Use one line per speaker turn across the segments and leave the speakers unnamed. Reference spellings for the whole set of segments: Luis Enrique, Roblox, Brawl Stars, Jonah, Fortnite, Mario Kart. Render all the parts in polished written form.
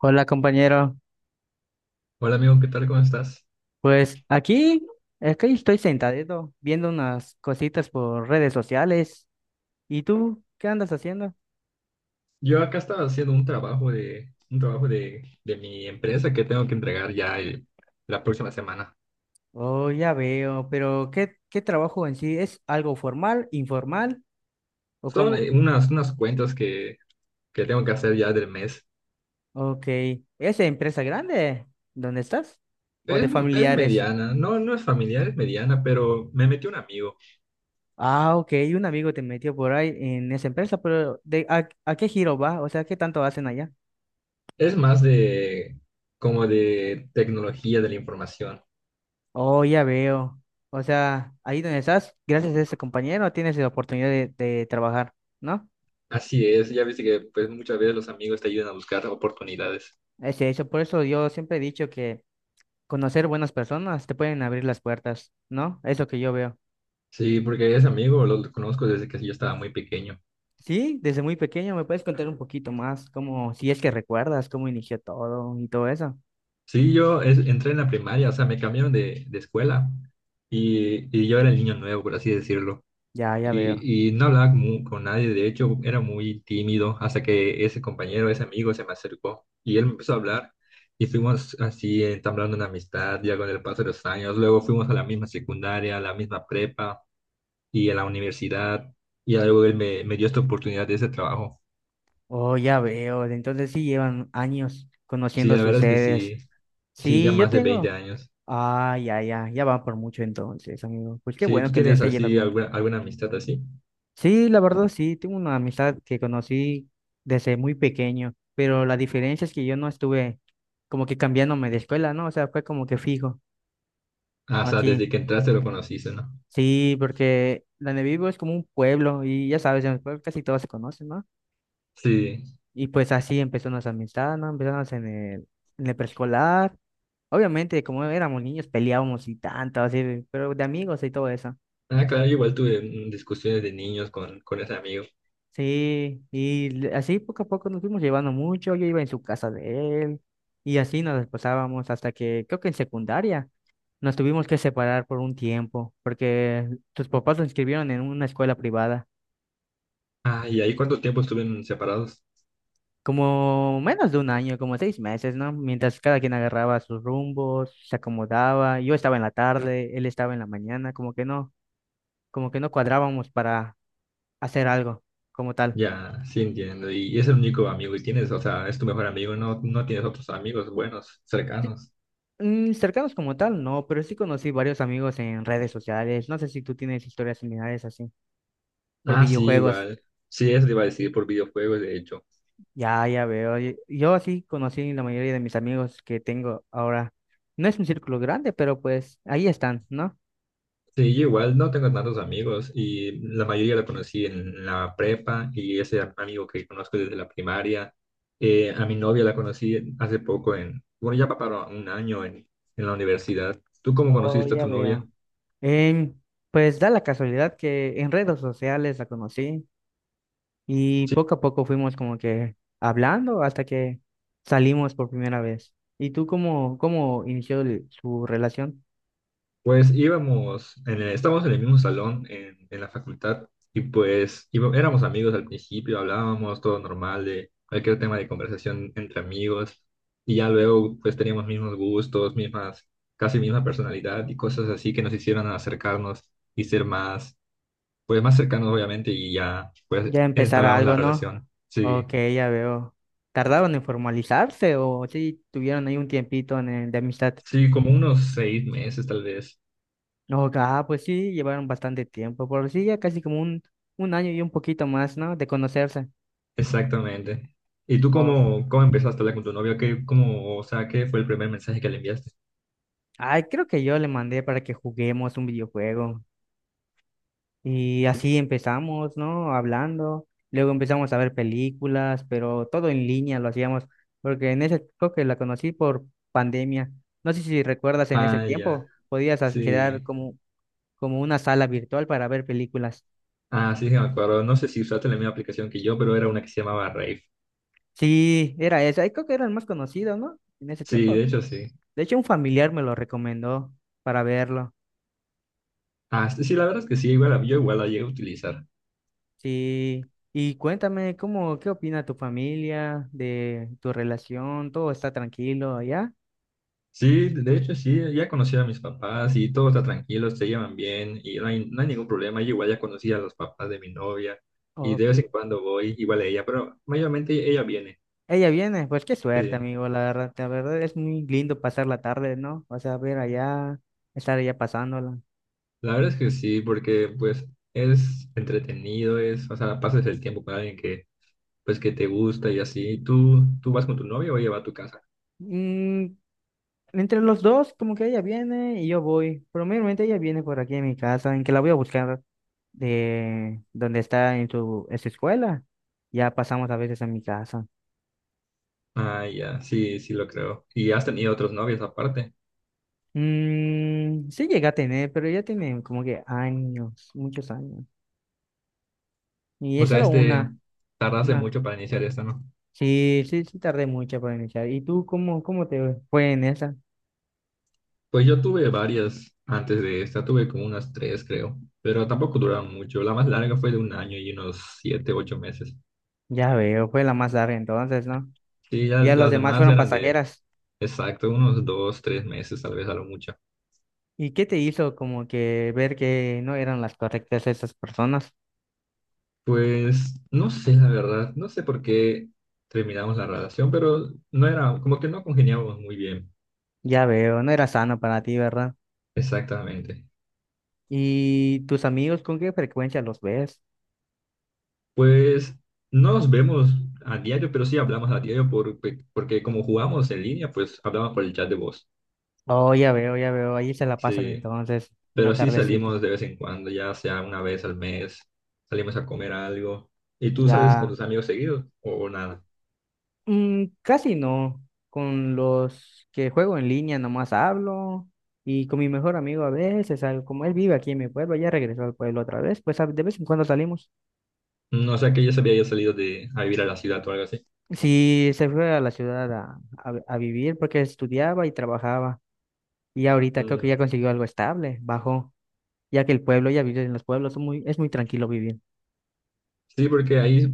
Hola compañero,
Hola amigo, ¿qué tal? ¿Cómo estás?
pues aquí es que estoy sentadito viendo unas cositas por redes sociales. ¿Y tú qué andas haciendo?
Yo acá estaba haciendo un trabajo de mi empresa que tengo que entregar ya la próxima semana.
Oh, ya veo, pero ¿qué trabajo en sí? ¿Es algo formal, informal o
Son
cómo?
unas cuentas que tengo que hacer ya del mes.
Ok, ¿es de empresa grande donde estás? ¿O
Es,
de
es
familiares?
mediana, no, no es familiar, es mediana, pero me metió un amigo.
Ah, ok, un amigo te metió por ahí en esa empresa, pero ¿de, a qué giro va? O sea, ¿qué tanto hacen allá?
Es más de como de tecnología de la información.
Oh, ya veo. O sea, ahí donde estás, gracias a ese compañero, tienes la oportunidad de trabajar, ¿no?
Así es, ya viste que pues muchas veces los amigos te ayudan a buscar oportunidades.
Es eso, por eso yo siempre he dicho que conocer buenas personas te pueden abrir las puertas, ¿no? Es lo que yo veo.
Sí, porque ese amigo lo conozco desde que yo estaba muy pequeño.
Sí, desde muy pequeño, ¿me puedes contar un poquito más? Cómo, si es que recuerdas cómo inició todo y todo eso.
Sí, yo entré en la primaria, o sea, me cambiaron de escuela y yo era el niño nuevo, por así decirlo.
Ya, ya veo.
Y no hablaba con nadie, de hecho, era muy tímido hasta que ese compañero, ese amigo se me acercó y él me empezó a hablar y fuimos así entablando una amistad ya con el paso de los años. Luego fuimos a la misma secundaria, a la misma prepa y a la universidad y luego él me dio esta oportunidad de ese trabajo.
Oh, ya veo. Entonces sí llevan años
Sí, la
conociéndose
verdad es que
ustedes.
sí, sí, ya
Sí, yo
más de 20
tengo.
años.
Ah, ya, ya, ya van por mucho entonces, amigo. Pues qué
Sí,
bueno
¿tú
que les
tienes
esté yendo
así
bien.
alguna amistad así?
Sí, la verdad sí, tengo una amistad que conocí desde muy pequeño, pero la diferencia es que yo no estuve como que cambiándome de escuela, ¿no? O sea, fue como que fijo
Ah, o sea, desde
aquí.
que entraste lo conociste, ¿no?
Sí, porque donde vivo es como un pueblo y ya sabes, en el pueblo casi todos se conocen, ¿no?
Sí.
Y pues así empezó nuestra amistad, ¿no? Empezamos en en el preescolar. Obviamente, como éramos niños, peleábamos y tanto, así, pero de amigos y todo eso.
Ah, claro, yo igual tuve discusiones de niños con ese amigo.
Sí, y así poco a poco nos fuimos llevando mucho, yo iba en su casa de él y así nos desposábamos hasta que creo que en secundaria nos tuvimos que separar por un tiempo porque tus papás lo inscribieron en una escuela privada,
Ah, ¿y ahí cuánto tiempo estuvieron separados?
como menos de un año, como 6 meses, ¿no? Mientras cada quien agarraba sus rumbos, se acomodaba, yo estaba en la tarde, él estaba en la mañana, como que no cuadrábamos para hacer algo como tal.
Ya, sí entiendo. Y es el único amigo que tienes, o sea, es tu mejor amigo, no, no tienes otros amigos buenos, cercanos.
Mm, cercanos como tal, no, pero sí conocí varios amigos en redes sociales. No sé si tú tienes historias similares así, por
Ah, sí,
videojuegos.
igual. Sí, eso te iba a decir por videojuegos, de hecho.
Ya, ya veo. Yo así conocí la mayoría de mis amigos que tengo ahora. No es un círculo grande, pero pues ahí están, ¿no?
Sí, yo igual no tengo tantos amigos y la mayoría la conocí en la prepa y ese amigo que conozco desde la primaria. A mi novia la conocí hace poco en, bueno, ya para un año en la universidad. ¿Tú cómo
Oh,
conociste a
ya
tu novia?
veo. Em, pues da la casualidad que en redes sociales la conocí y poco a poco fuimos como que hablando hasta que salimos por primera vez. ¿Y tú cómo, cómo inició su relación?
Pues íbamos, estábamos en el mismo salón en la facultad y pues éramos amigos al principio, hablábamos todo normal de cualquier tema de conversación entre amigos y ya luego pues teníamos mismos gustos, mismas, casi misma personalidad y cosas así que nos hicieron acercarnos y ser más, pues más cercanos obviamente y ya pues
Ya empezar
entablamos la
algo, ¿no?
relación.
Ok,
Sí,
ya veo. ¿Tardaron en formalizarse o sí tuvieron ahí un tiempito en el de amistad?
sí, como unos 6 meses tal vez.
No, ah, pues sí, llevaron bastante tiempo, por sí, ya casi como un año y un poquito más, ¿no? De conocerse.
Exactamente. ¿Y tú
O-
cómo empezaste a hablar con tu novio? ¿Qué, cómo, o sea, qué fue el primer mensaje que le enviaste?
Ay, creo que yo le mandé para que juguemos un videojuego. Y
Sí.
así empezamos, ¿no? Hablando. Luego empezamos a ver películas, pero todo en línea lo hacíamos, porque en ese creo que la conocí por pandemia. No sé si recuerdas en ese
Ah, ya.
tiempo, podías
Sí.
crear como, como una sala virtual para ver películas.
Ah, sí, sí, me acuerdo. No sé si usaste la misma aplicación que yo, pero era una que se llamaba Rave.
Sí, era esa. Creo que era el más conocido, ¿no? En ese
Sí,
tiempo.
de hecho, sí.
De hecho, un familiar me lo recomendó para verlo.
Ah, sí, sí, la verdad es que sí, igual, yo igual la llegué a utilizar.
Sí. Y cuéntame, ¿cómo, qué opina tu familia de tu relación? ¿Todo está tranquilo allá?
Sí, de hecho, sí, ya conocí a mis papás y todo está tranquilo, se llevan bien y no hay ningún problema. Yo igual ya conocí a los papás de mi novia y de
Ok.
vez en cuando voy igual a ella, pero mayormente ella viene.
Ella viene, pues qué suerte,
Sí.
amigo, la verdad es muy lindo pasar la tarde, ¿no? O sea, ver allá, estar allá pasándola.
La verdad es que sí, porque pues es entretenido, o sea, pasas el tiempo con alguien que pues que te gusta y así. ¿Tú vas con tu novio o ella va a tu casa?
Mm, entre los dos, como que ella viene y yo voy. Probablemente ella viene por aquí a mi casa, en que la voy a buscar de donde está en su escuela. Ya pasamos a veces a mi casa.
Ah, ya, sí, sí lo creo. ¿Y has tenido otros novios aparte?
Mm, sí llega a tener, pero ya tiene como que años, muchos años. Y
O
es
sea,
solo
este,
una,
tardaste
una.
mucho para iniciar esta, ¿no?
Sí, sí, sí, tardé mucho para iniciar. ¿Y tú cómo, cómo te fue en esa?
Pues yo tuve varias antes de esta, tuve como unas tres, creo, pero tampoco duraron mucho. La más larga fue de un año y unos 7, 8 meses.
Ya veo, fue la más larga entonces, ¿no?
Sí, ya
Ya los
las
demás
demás
fueron
eran
pasajeras.
exacto, unos 2, 3 meses, tal vez a lo mucho.
¿Y qué te hizo como que ver que no eran las correctas esas personas?
Pues no sé, la verdad, no sé por qué terminamos la relación, pero no era, como que no congeniábamos muy bien,
Ya veo, no era sano para ti, ¿verdad?
exactamente.
¿Y tus amigos con qué frecuencia los ves?
Pues no nos vemos a diario, pero sí hablamos a diario porque como jugamos en línea, pues hablamos por el chat de voz,
Oh, ya veo, ahí se la pasan
sí.
entonces, una
Pero sí
tardecita.
salimos de vez en cuando, ya sea una vez al mes, salimos a comer algo. ¿Y tú sales con
Ya.
tus amigos seguidos o nada?
Mm, casi no. Con los que juego en línea nomás hablo y con mi mejor amigo a veces, salgo. Como él vive aquí en mi pueblo, ya regresó al pueblo otra vez, pues de vez en cuando salimos.
No sé, que ya se había ido salido de a vivir a la ciudad o algo así.
Sí, se fue a la ciudad a vivir porque estudiaba y trabajaba y ahorita creo que ya consiguió algo estable, bajó, ya que el pueblo, ya vive en los pueblos, son muy, es muy tranquilo vivir.
Sí, porque ahí,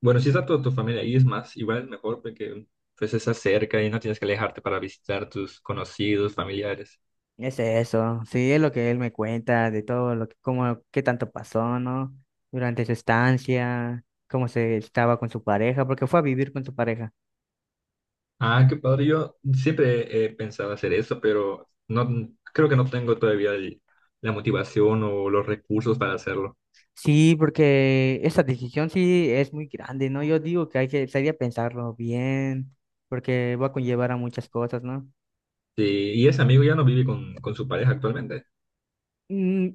bueno, si está toda tu familia ahí es más, igual es mejor porque pues estás cerca y no tienes que alejarte para visitar tus conocidos, familiares.
Es eso, sí, es lo que él me cuenta, de todo lo que, cómo, qué tanto pasó, ¿no? Durante su estancia, cómo se estaba con su pareja, porque fue a vivir con su pareja.
Ah, qué padre, yo siempre he pensado hacer eso, pero no creo que no tengo todavía la motivación o los recursos para hacerlo.
Sí, porque esa decisión sí es muy grande, ¿no? Yo digo que hay que, sería pensarlo bien, porque va a conllevar a muchas cosas, ¿no?
Sí, y ese amigo ya no vive con su pareja actualmente.
Mm,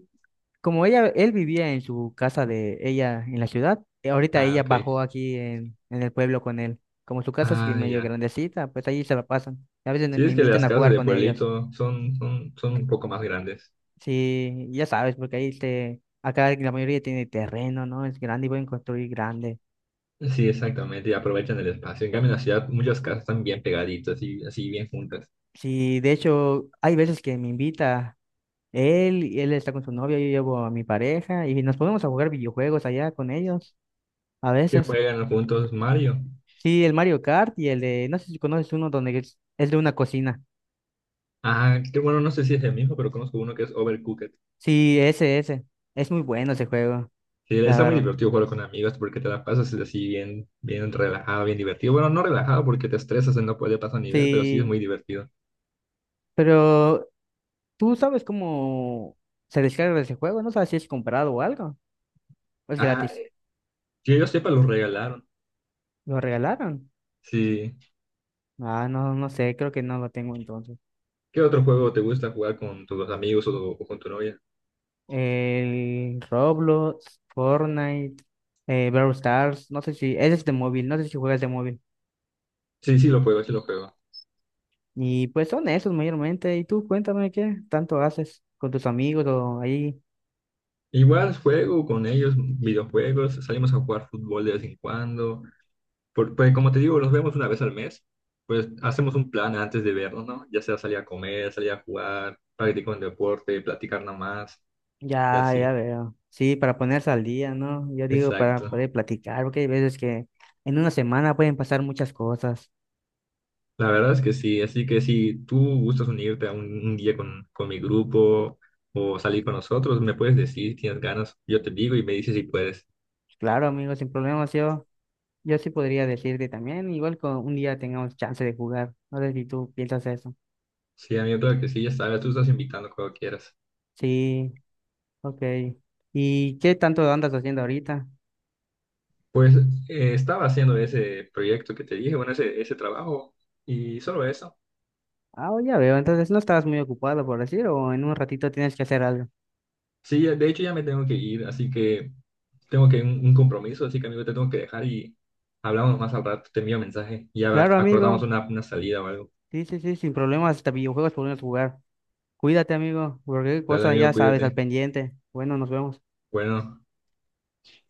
como ella, él vivía en su casa de ella en la ciudad, ahorita
Ah,
ella
ok.
bajó aquí en el pueblo con él. Como su casa es que
Ah,
medio
ya.
grandecita, pues ahí se la pasan. A veces
Sí,
me
es que
invitan
las
a
casas
jugar
de
con ellos.
pueblito son un poco más grandes.
Sí, ya sabes, porque ahí se, acá la mayoría tiene terreno, ¿no? Es grande y pueden construir grande.
Sí, exactamente, y aprovechan el espacio. En cambio, en la ciudad muchas casas están bien pegaditas y así bien juntas.
Sí, de hecho, hay veces que me invita él, y él está con su novia, yo llevo a mi pareja y nos ponemos a jugar videojuegos allá con ellos, a
Que
veces.
juegan juntos Mario.
Sí, el Mario Kart y el de, no sé si conoces uno donde es de una cocina.
Ah, que bueno, no sé si es el mismo, pero conozco uno que es Overcooked.
Sí, ese, ese. Es muy bueno ese juego,
Que
la
está muy
verdad.
divertido jugar con amigos porque te la pasas así bien, bien relajado, bien divertido. Bueno, no relajado porque te estresas y no puede pasar nivel, pero sí es
Sí,
muy divertido.
pero tú sabes cómo se descarga ese juego, no sabes si es comprado o algo. ¿O es
Ah,
gratis?
que yo sepa, los regalaron.
¿Lo regalaron?
Sí.
Ah, no, no sé, creo que no lo tengo entonces.
¿Qué otro juego te gusta jugar con tus amigos o con tu novia?
El Roblox, Fortnite, Brawl Stars, no sé si, ese es de móvil, no sé si juegas de móvil.
Sí, sí, lo juego, sí lo juego.
Y pues son esos mayormente. Y tú cuéntame qué tanto haces con tus amigos o ahí.
Igual juego con ellos, videojuegos, salimos a jugar fútbol de vez en cuando. Pues como te digo, los vemos una vez al mes, pues hacemos un plan antes de vernos, ¿no? Ya sea salir a comer, salir a jugar, practicar un deporte, platicar nada más y
Ya, ya
así.
veo. Sí, para ponerse al día, ¿no? Yo digo para
Exacto.
poder platicar, porque hay veces que en una semana pueden pasar muchas cosas.
La verdad es que sí, así que si tú gustas unirte a un día con mi grupo o salir con nosotros, me puedes decir, tienes ganas, yo te digo y me dices si puedes.
Claro, amigo, sin problemas, yo sí podría decirte también, igual con un día tengamos chance de jugar. No sé si tú piensas eso.
Sí, amigo, claro que sí, ya sabes, tú estás invitando cuando quieras.
Sí, ok. ¿Y qué tanto andas haciendo ahorita?
Pues estaba haciendo ese proyecto que te dije, bueno, ese trabajo y solo eso.
Ah, ya veo, entonces no estabas muy ocupado, por decir, o en un ratito tienes que hacer algo.
Sí, de hecho ya me tengo que ir, así que tengo que un compromiso, así que amigo, te tengo que dejar y hablamos más al rato, te envío mensaje, ya
Claro,
acordamos
amigo.
una salida o algo.
Sí, sí, sí, sin problemas, hasta videojuegos podemos jugar. Cuídate, amigo, porque cualquier
Dale
cosa
amigo,
ya sabes, al
cuídate.
pendiente. Bueno, nos vemos.
Bueno.